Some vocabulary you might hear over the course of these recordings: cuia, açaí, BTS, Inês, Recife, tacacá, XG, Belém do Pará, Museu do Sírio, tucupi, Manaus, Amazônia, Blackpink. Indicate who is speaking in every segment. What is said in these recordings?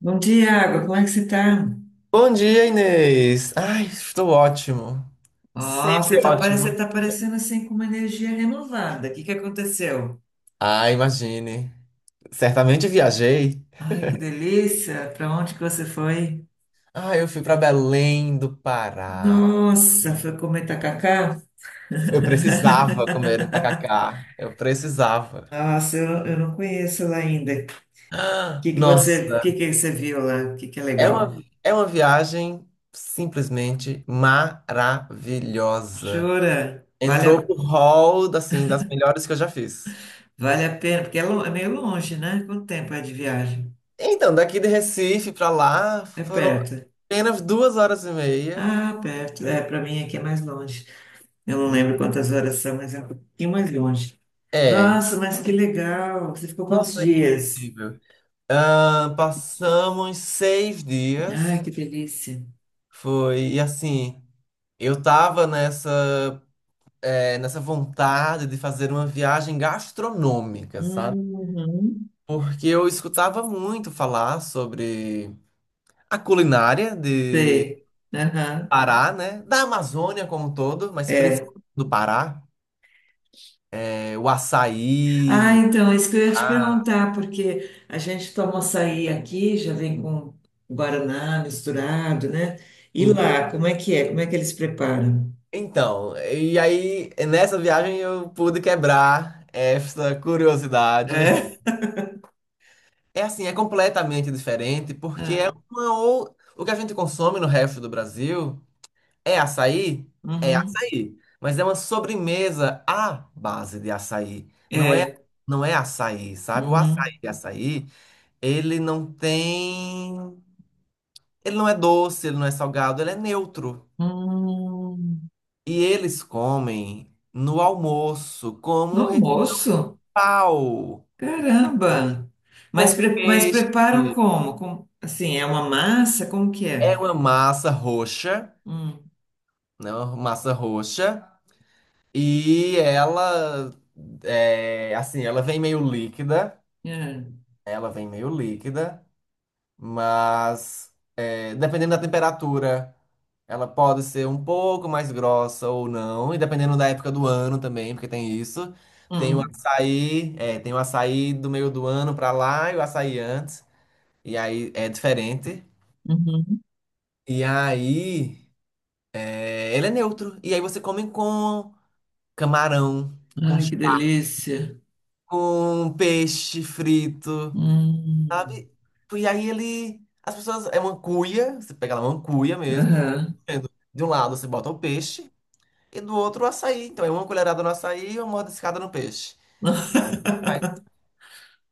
Speaker 1: Bom dia, Água. Como é que você tá?
Speaker 2: Bom dia, Inês. Ai, estou ótimo.
Speaker 1: Ó,
Speaker 2: Sempre ótimo.
Speaker 1: você tá parecendo assim com uma energia renovada. O que que aconteceu?
Speaker 2: Ah, imagine. Certamente viajei.
Speaker 1: Ai, que delícia! Pra onde que você foi?
Speaker 2: Ah, eu fui para Belém do Pará.
Speaker 1: Nossa, foi comer tacacá?
Speaker 2: Eu precisava comer um tacacá. Eu precisava.
Speaker 1: Nossa, eu não conheço lá ainda. O
Speaker 2: Ah,
Speaker 1: que que você, o
Speaker 2: nossa,
Speaker 1: que que você viu lá? O que que é
Speaker 2: é uma,
Speaker 1: legal?
Speaker 2: é uma viagem simplesmente maravilhosa.
Speaker 1: Jura? Vale,
Speaker 2: Entrou pro hall, assim, das melhores que eu já fiz.
Speaker 1: vale a pena, porque é, é meio longe, né? Quanto tempo é de viagem?
Speaker 2: Então, daqui de Recife para lá
Speaker 1: É
Speaker 2: foram
Speaker 1: perto.
Speaker 2: apenas 2 horas e meia.
Speaker 1: Ah, perto. É, pra mim aqui é mais longe. Eu não lembro quantas horas são, mas é um pouquinho mais longe.
Speaker 2: É,
Speaker 1: Nossa, mas que legal! Você ficou quantos
Speaker 2: nossa,
Speaker 1: dias?
Speaker 2: incrível. Ah, passamos seis
Speaker 1: Ai,
Speaker 2: dias.
Speaker 1: que delícia!
Speaker 2: Foi, e assim, eu tava nessa vontade de fazer uma viagem gastronômica, sabe?
Speaker 1: Uhum.
Speaker 2: Porque eu escutava muito falar sobre a culinária de
Speaker 1: Sei. Aham.
Speaker 2: Pará, né? Da Amazônia como um todo, mas
Speaker 1: É.
Speaker 2: principalmente do Pará. O
Speaker 1: Ah,
Speaker 2: açaí,
Speaker 1: então, é isso que eu ia te
Speaker 2: a
Speaker 1: perguntar, porque a gente toma açaí aqui, já vem com guaraná misturado, né? E lá, como é que é? Como é que eles preparam?
Speaker 2: então, e aí nessa viagem eu pude quebrar essa curiosidade.
Speaker 1: É?
Speaker 2: É assim, é completamente diferente porque é
Speaker 1: Ah,
Speaker 2: uma ou, o que a gente consome no resto do Brasil é açaí, é
Speaker 1: uhum.
Speaker 2: açaí, mas é uma sobremesa à base de açaí. Não é
Speaker 1: É.
Speaker 2: não é açaí, sabe? O açaí
Speaker 1: Uhum.
Speaker 2: de açaí, ele não tem, ele não é doce, ele não é salgado, ele é neutro.
Speaker 1: Hum.
Speaker 2: E eles comem no almoço
Speaker 1: No
Speaker 2: como refeição
Speaker 1: almoço?
Speaker 2: principal,
Speaker 1: Caramba! Mas,
Speaker 2: com
Speaker 1: mas preparam
Speaker 2: peixe.
Speaker 1: como? Assim, é uma massa? Como que
Speaker 2: É
Speaker 1: é?
Speaker 2: uma massa roxa,
Speaker 1: Hum,
Speaker 2: né? Uma massa roxa. E ela, assim, ela vem meio líquida.
Speaker 1: é.
Speaker 2: Ela vem meio líquida, mas, dependendo da temperatura, ela pode ser um pouco mais grossa ou não, e dependendo da época do ano também, porque tem isso. Tem o
Speaker 1: Hum,
Speaker 2: açaí, é, tem o açaí do meio do ano pra lá e o açaí antes, e aí é diferente.
Speaker 1: hum, uhum.
Speaker 2: E aí, ele é neutro. E aí você come com camarão, com,
Speaker 1: Ai,
Speaker 2: ch-
Speaker 1: que delícia!
Speaker 2: com peixe frito,
Speaker 1: Hum,
Speaker 2: sabe? E aí as pessoas, é uma cuia, você pega lá uma cuia mesmo, e vai
Speaker 1: aham,
Speaker 2: comendo. De um lado você bota o peixe, e do outro, o açaí. Então, é uma colherada no açaí e uma mordiscada no peixe. Aí,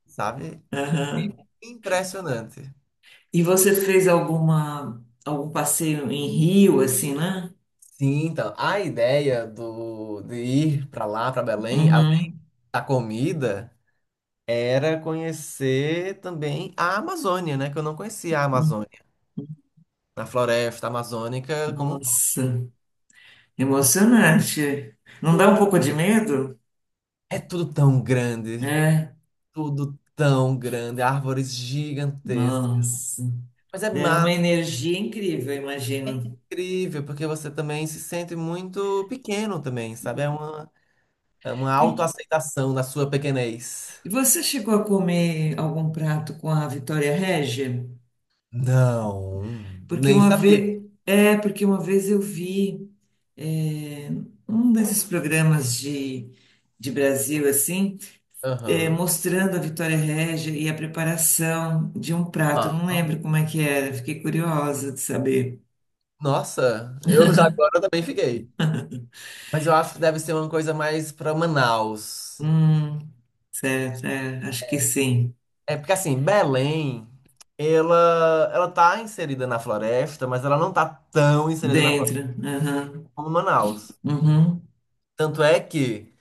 Speaker 2: sabe?
Speaker 1: aham.
Speaker 2: Impressionante.
Speaker 1: E você fez alguma, algum passeio em Rio, assim, né?
Speaker 2: Sim, então, a ideia de ir para lá, para Belém, além
Speaker 1: Uhum.
Speaker 2: da comida, era conhecer também a Amazônia, né? Que eu não conhecia a Amazônia. A floresta amazônica como um todo.
Speaker 1: Nossa, emocionante. Não dá um
Speaker 2: Hum,
Speaker 1: pouco de medo?
Speaker 2: É
Speaker 1: É,
Speaker 2: tudo tão grande, árvores gigantescas.
Speaker 1: nossa.
Speaker 2: Mas é
Speaker 1: Deu uma
Speaker 2: massa,
Speaker 1: energia incrível, eu imagino.
Speaker 2: incrível, porque você também se sente muito pequeno também, sabe? É uma
Speaker 1: E,
Speaker 2: autoaceitação na sua pequenez.
Speaker 1: E você chegou a comer algum prato com a Vitória Régia?
Speaker 2: Não.
Speaker 1: Porque
Speaker 2: Nem
Speaker 1: uma
Speaker 2: sabia.
Speaker 1: vez, é, porque uma vez eu vi é, um desses programas de Brasil assim, é,
Speaker 2: Aham.
Speaker 1: mostrando a Vitória Régia e a preparação de um prato. Eu não
Speaker 2: Não.
Speaker 1: lembro como é que era, fiquei curiosa de saber.
Speaker 2: Nossa, eu já agora também fiquei. Mas eu acho que deve ser uma coisa mais pra Manaus.
Speaker 1: Hum, certo, é, acho que sim.
Speaker 2: É porque assim, Belém, ela tá inserida na floresta, mas ela não tá tão inserida na floresta
Speaker 1: Dentro, aham,
Speaker 2: como Manaus.
Speaker 1: uhum.
Speaker 2: Tanto é que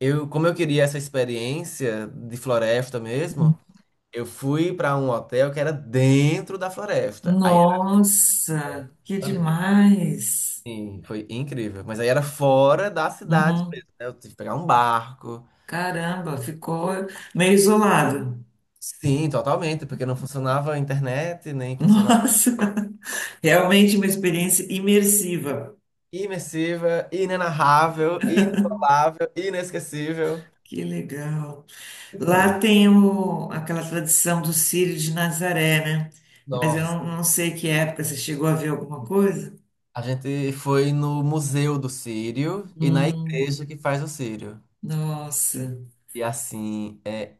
Speaker 2: eu, como eu queria essa experiência de floresta mesmo, eu fui pra um hotel que era dentro da floresta. Aí.
Speaker 1: Nossa, que demais!
Speaker 2: Sim, foi incrível. Mas aí era fora da cidade
Speaker 1: Uhum.
Speaker 2: mesmo, né? Eu tive que pegar um barco.
Speaker 1: Caramba, ficou meio isolado.
Speaker 2: Sim, totalmente, porque não funcionava a internet, nem funcionava.
Speaker 1: Nossa, realmente uma experiência imersiva.
Speaker 2: Imersiva, inenarrável, inigualável, inesquecível.
Speaker 1: Que legal.
Speaker 2: Incrível.
Speaker 1: Lá tem o, aquela tradição do Círio de Nazaré, né? Mas eu
Speaker 2: Nossa,
Speaker 1: não, não sei que época você chegou a ver alguma coisa.
Speaker 2: a gente foi no Museu do Sírio e na
Speaker 1: Hum,
Speaker 2: igreja que faz o Sírio.
Speaker 1: nossa,
Speaker 2: E assim, é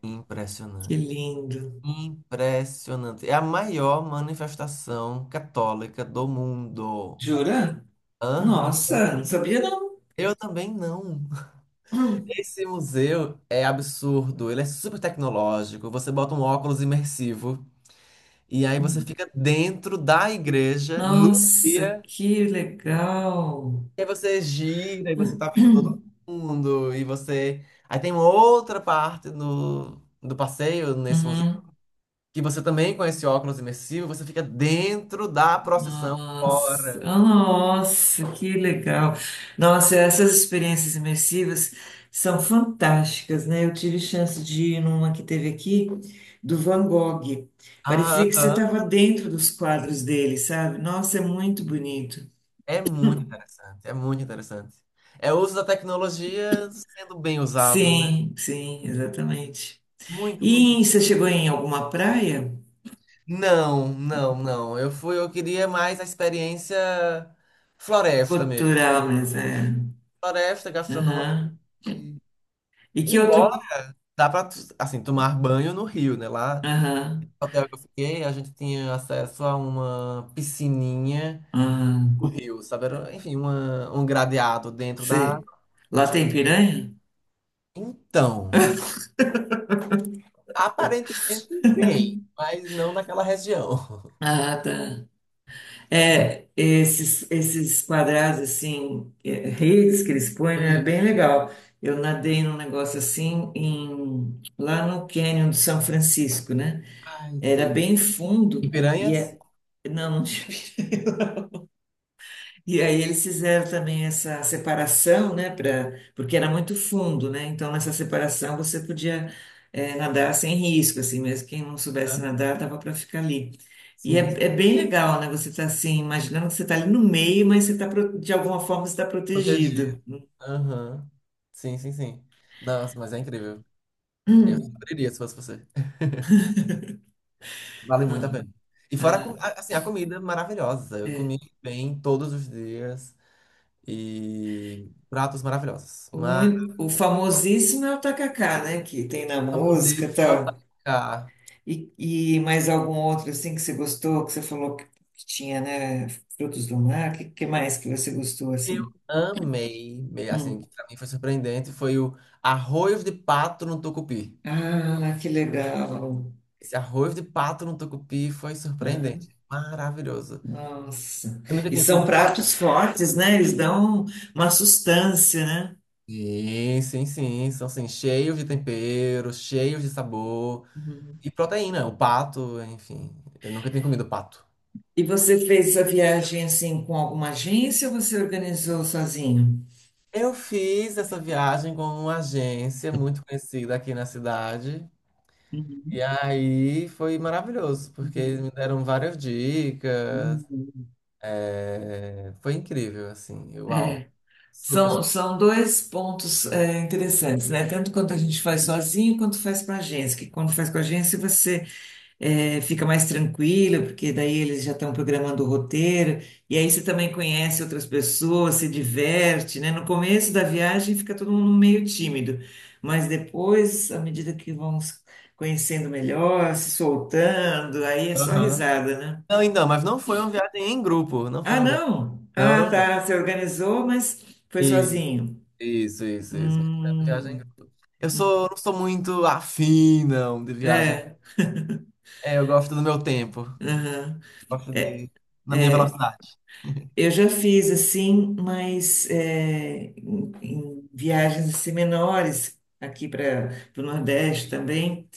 Speaker 1: que
Speaker 2: impressionante.
Speaker 1: lindo.
Speaker 2: Impressionante. É a maior manifestação católica do mundo.
Speaker 1: Jura?
Speaker 2: Aham.
Speaker 1: Nossa, não sabia não.
Speaker 2: Eu também não.
Speaker 1: Hum.
Speaker 2: Esse museu é absurdo, ele é super tecnológico. Você bota um óculos imersivo e aí você fica dentro da igreja num
Speaker 1: Nossa,
Speaker 2: dia.
Speaker 1: que legal.
Speaker 2: E aí você gira e você tá vendo todo mundo e você. Aí tem uma outra parte do passeio nesse museu
Speaker 1: Uhum.
Speaker 2: que você também com esse óculos imersivo, você fica dentro da procissão
Speaker 1: Nossa,
Speaker 2: fora.
Speaker 1: oh, nossa, que legal. Nossa, essas experiências imersivas são fantásticas, né? Eu tive chance de ir numa que teve aqui, do Van Gogh. Parecia que você
Speaker 2: Aham.
Speaker 1: estava dentro dos quadros dele, sabe? Nossa, é muito bonito.
Speaker 2: É muito interessante, é muito interessante. É o uso da tecnologia sendo bem usado, né?
Speaker 1: Sim, sim, exatamente.
Speaker 2: Muito, muito.
Speaker 1: E você chegou em alguma praia?
Speaker 2: Não, não, não. Eu queria mais a experiência floresta mesmo.
Speaker 1: Cultural, mas é.
Speaker 2: Floresta, gastronômica.
Speaker 1: Aham.
Speaker 2: e-
Speaker 1: E que outro.
Speaker 2: Embora dá para assim tomar banho no rio, né? Lá
Speaker 1: Aham.
Speaker 2: no hotel que eu fiquei, a gente tinha acesso a uma piscininha no
Speaker 1: Aham.
Speaker 2: rio, sabe? Era, enfim, um gradeado dentro da
Speaker 1: Sei.
Speaker 2: água.
Speaker 1: Lá tem piranha?
Speaker 2: Então, aparentemente tem, mas não naquela região.
Speaker 1: Ah, tá. É, esses, esses quadrados assim, é, redes que eles põem, né, é bem
Speaker 2: Isso.
Speaker 1: legal. Eu nadei num negócio assim em, lá no Canyon do São Francisco, né?
Speaker 2: Ai,
Speaker 1: Era
Speaker 2: tudo.
Speaker 1: bem
Speaker 2: E
Speaker 1: fundo e
Speaker 2: piranhas?
Speaker 1: é, não, não tinha. E aí eles fizeram também essa separação, né, pra, porque era muito fundo, né? Então nessa separação você podia, nadar sem risco, assim, mesmo quem não soubesse
Speaker 2: Hã?
Speaker 1: nadar dava para ficar ali. E é,
Speaker 2: Sim,
Speaker 1: é bem legal, né? Você tá assim, imaginando que você tá ali no meio, mas você tá, de alguma forma você está
Speaker 2: protegido.
Speaker 1: protegido.
Speaker 2: Aham. Sim, sim, sim. Nossa, mas é incrível. Eu
Speaker 1: Hum.
Speaker 2: abriria se fosse você. Vale muito a pena.
Speaker 1: Hum.
Speaker 2: E fora,
Speaker 1: Ah,
Speaker 2: assim, a comida maravilhosa. Eu comi bem todos os dias e pratos maravilhosos. Mas.
Speaker 1: o famosíssimo é o tacacá, né? Que tem na música e
Speaker 2: Maravilhosíssimo
Speaker 1: tal.
Speaker 2: atacar.
Speaker 1: E, e mais algum outro assim que você gostou, que você falou que tinha, né? Frutos do mar, o que, que mais que você gostou
Speaker 2: Eu
Speaker 1: assim?
Speaker 2: amei, assim,
Speaker 1: Hum.
Speaker 2: que pra mim foi surpreendente, foi o arroz de pato no tucupi.
Speaker 1: Ah, que legal.
Speaker 2: Esse arroz de pato no tucupi foi surpreendente.
Speaker 1: Ah,
Speaker 2: Maravilhoso.
Speaker 1: nossa.
Speaker 2: Eu nunca
Speaker 1: E
Speaker 2: tinha
Speaker 1: são
Speaker 2: comido.
Speaker 1: pratos fortes, né? Eles dão uma sustância, né?
Speaker 2: Sim, sim, sim. São assim, cheios de tempero, cheios de sabor
Speaker 1: Uhum.
Speaker 2: e proteína. O pato, enfim. Eu nunca tinha comido pato.
Speaker 1: E você fez essa viagem assim com alguma agência ou você organizou sozinho?
Speaker 2: Eu fiz essa viagem com uma agência muito conhecida aqui na cidade.
Speaker 1: Uhum,
Speaker 2: E aí foi maravilhoso, porque eles
Speaker 1: uhum,
Speaker 2: me deram várias dicas.
Speaker 1: uhum.
Speaker 2: É, foi incrível, assim. Uau,
Speaker 1: É.
Speaker 2: super,
Speaker 1: São,
Speaker 2: super.
Speaker 1: são dois pontos, é, interessantes, né? Tanto quanto a gente faz sozinho, quanto faz com a agência. Que quando faz com a agência, você, é, fica mais tranquila, porque daí eles já estão programando o roteiro, e aí você também conhece outras pessoas, se diverte, né? No começo da viagem fica todo mundo meio tímido, mas depois, à medida que vão se conhecendo melhor, se soltando, aí é só
Speaker 2: Aham.
Speaker 1: risada, né?
Speaker 2: Não, então, mas não foi uma viagem em grupo. Não foi
Speaker 1: Ah,
Speaker 2: uma viagem.
Speaker 1: não!
Speaker 2: Não,
Speaker 1: Ah,
Speaker 2: não,
Speaker 1: tá, você organizou, mas foi
Speaker 2: não.
Speaker 1: sozinho.
Speaker 2: Isso, isso, isso. Viagem em
Speaker 1: Hum.
Speaker 2: grupo. Não sou muito afim, não, de viagem.
Speaker 1: É,
Speaker 2: É, eu gosto do meu tempo.
Speaker 1: é.
Speaker 2: Gosto de... Na minha velocidade.
Speaker 1: Eu já fiz assim, mas é, em, em viagens assim, menores aqui para o Nordeste também,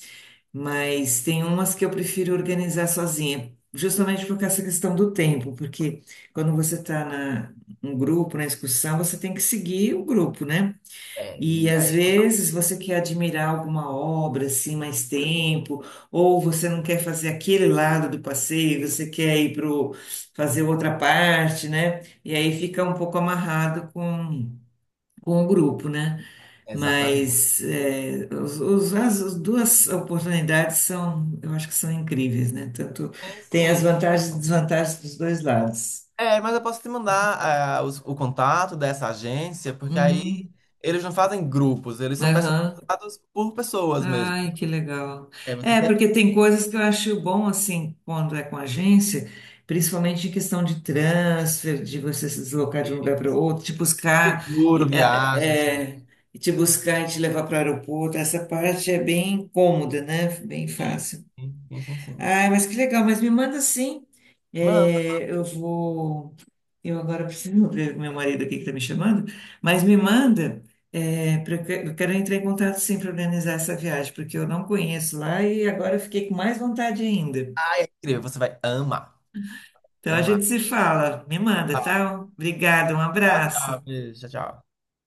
Speaker 1: mas tem umas que eu prefiro organizar sozinha, justamente por causa dessa questão do tempo, porque quando você está na um grupo, na excursão, você tem que seguir o grupo, né?
Speaker 2: É,
Speaker 1: E
Speaker 2: e
Speaker 1: às
Speaker 2: aí...
Speaker 1: vezes você quer admirar alguma obra assim mais tempo, ou você não quer fazer aquele lado do passeio, você quer ir para fazer outra parte, né? E aí fica um pouco amarrado com o grupo, né?
Speaker 2: Exatamente.
Speaker 1: Mas é, as, as duas oportunidades são, eu acho que são incríveis, né? Tanto
Speaker 2: Sim,
Speaker 1: tem as
Speaker 2: sim.
Speaker 1: vantagens e desvantagens dos dois lados.
Speaker 2: É, mas eu posso te mandar o contato dessa agência, porque aí
Speaker 1: Uhum.
Speaker 2: eles não fazem grupos, eles são
Speaker 1: Aham.
Speaker 2: personalizados por pessoas mesmo.
Speaker 1: Ai, que legal.
Speaker 2: É, você
Speaker 1: É,
Speaker 2: quer
Speaker 1: porque tem coisas que eu acho bom, assim, quando é com agência, principalmente em questão de transfer, de você se deslocar de um lugar para outro, te buscar
Speaker 2: seguro,
Speaker 1: e, é, é,
Speaker 2: viagens também.
Speaker 1: é, e te buscar e te levar para o aeroporto. Essa parte é bem cômoda, né? Bem fácil.
Speaker 2: Sim, sim, sim.
Speaker 1: Ai, mas que legal, mas me manda sim.
Speaker 2: Manda.
Speaker 1: É, eu vou. Eu agora preciso ver com meu marido aqui que está me chamando, mas me manda, é, eu quero entrar em contato sim para organizar essa viagem, porque eu não conheço lá e agora eu fiquei com mais vontade ainda.
Speaker 2: Ai, é incrível, você vai amar.
Speaker 1: Então a
Speaker 2: Amar.
Speaker 1: gente se fala, me manda,
Speaker 2: Tá,
Speaker 1: tá? Obrigada, um
Speaker 2: tchau, tchau.
Speaker 1: abraço.
Speaker 2: Beijo, tchau, tchau.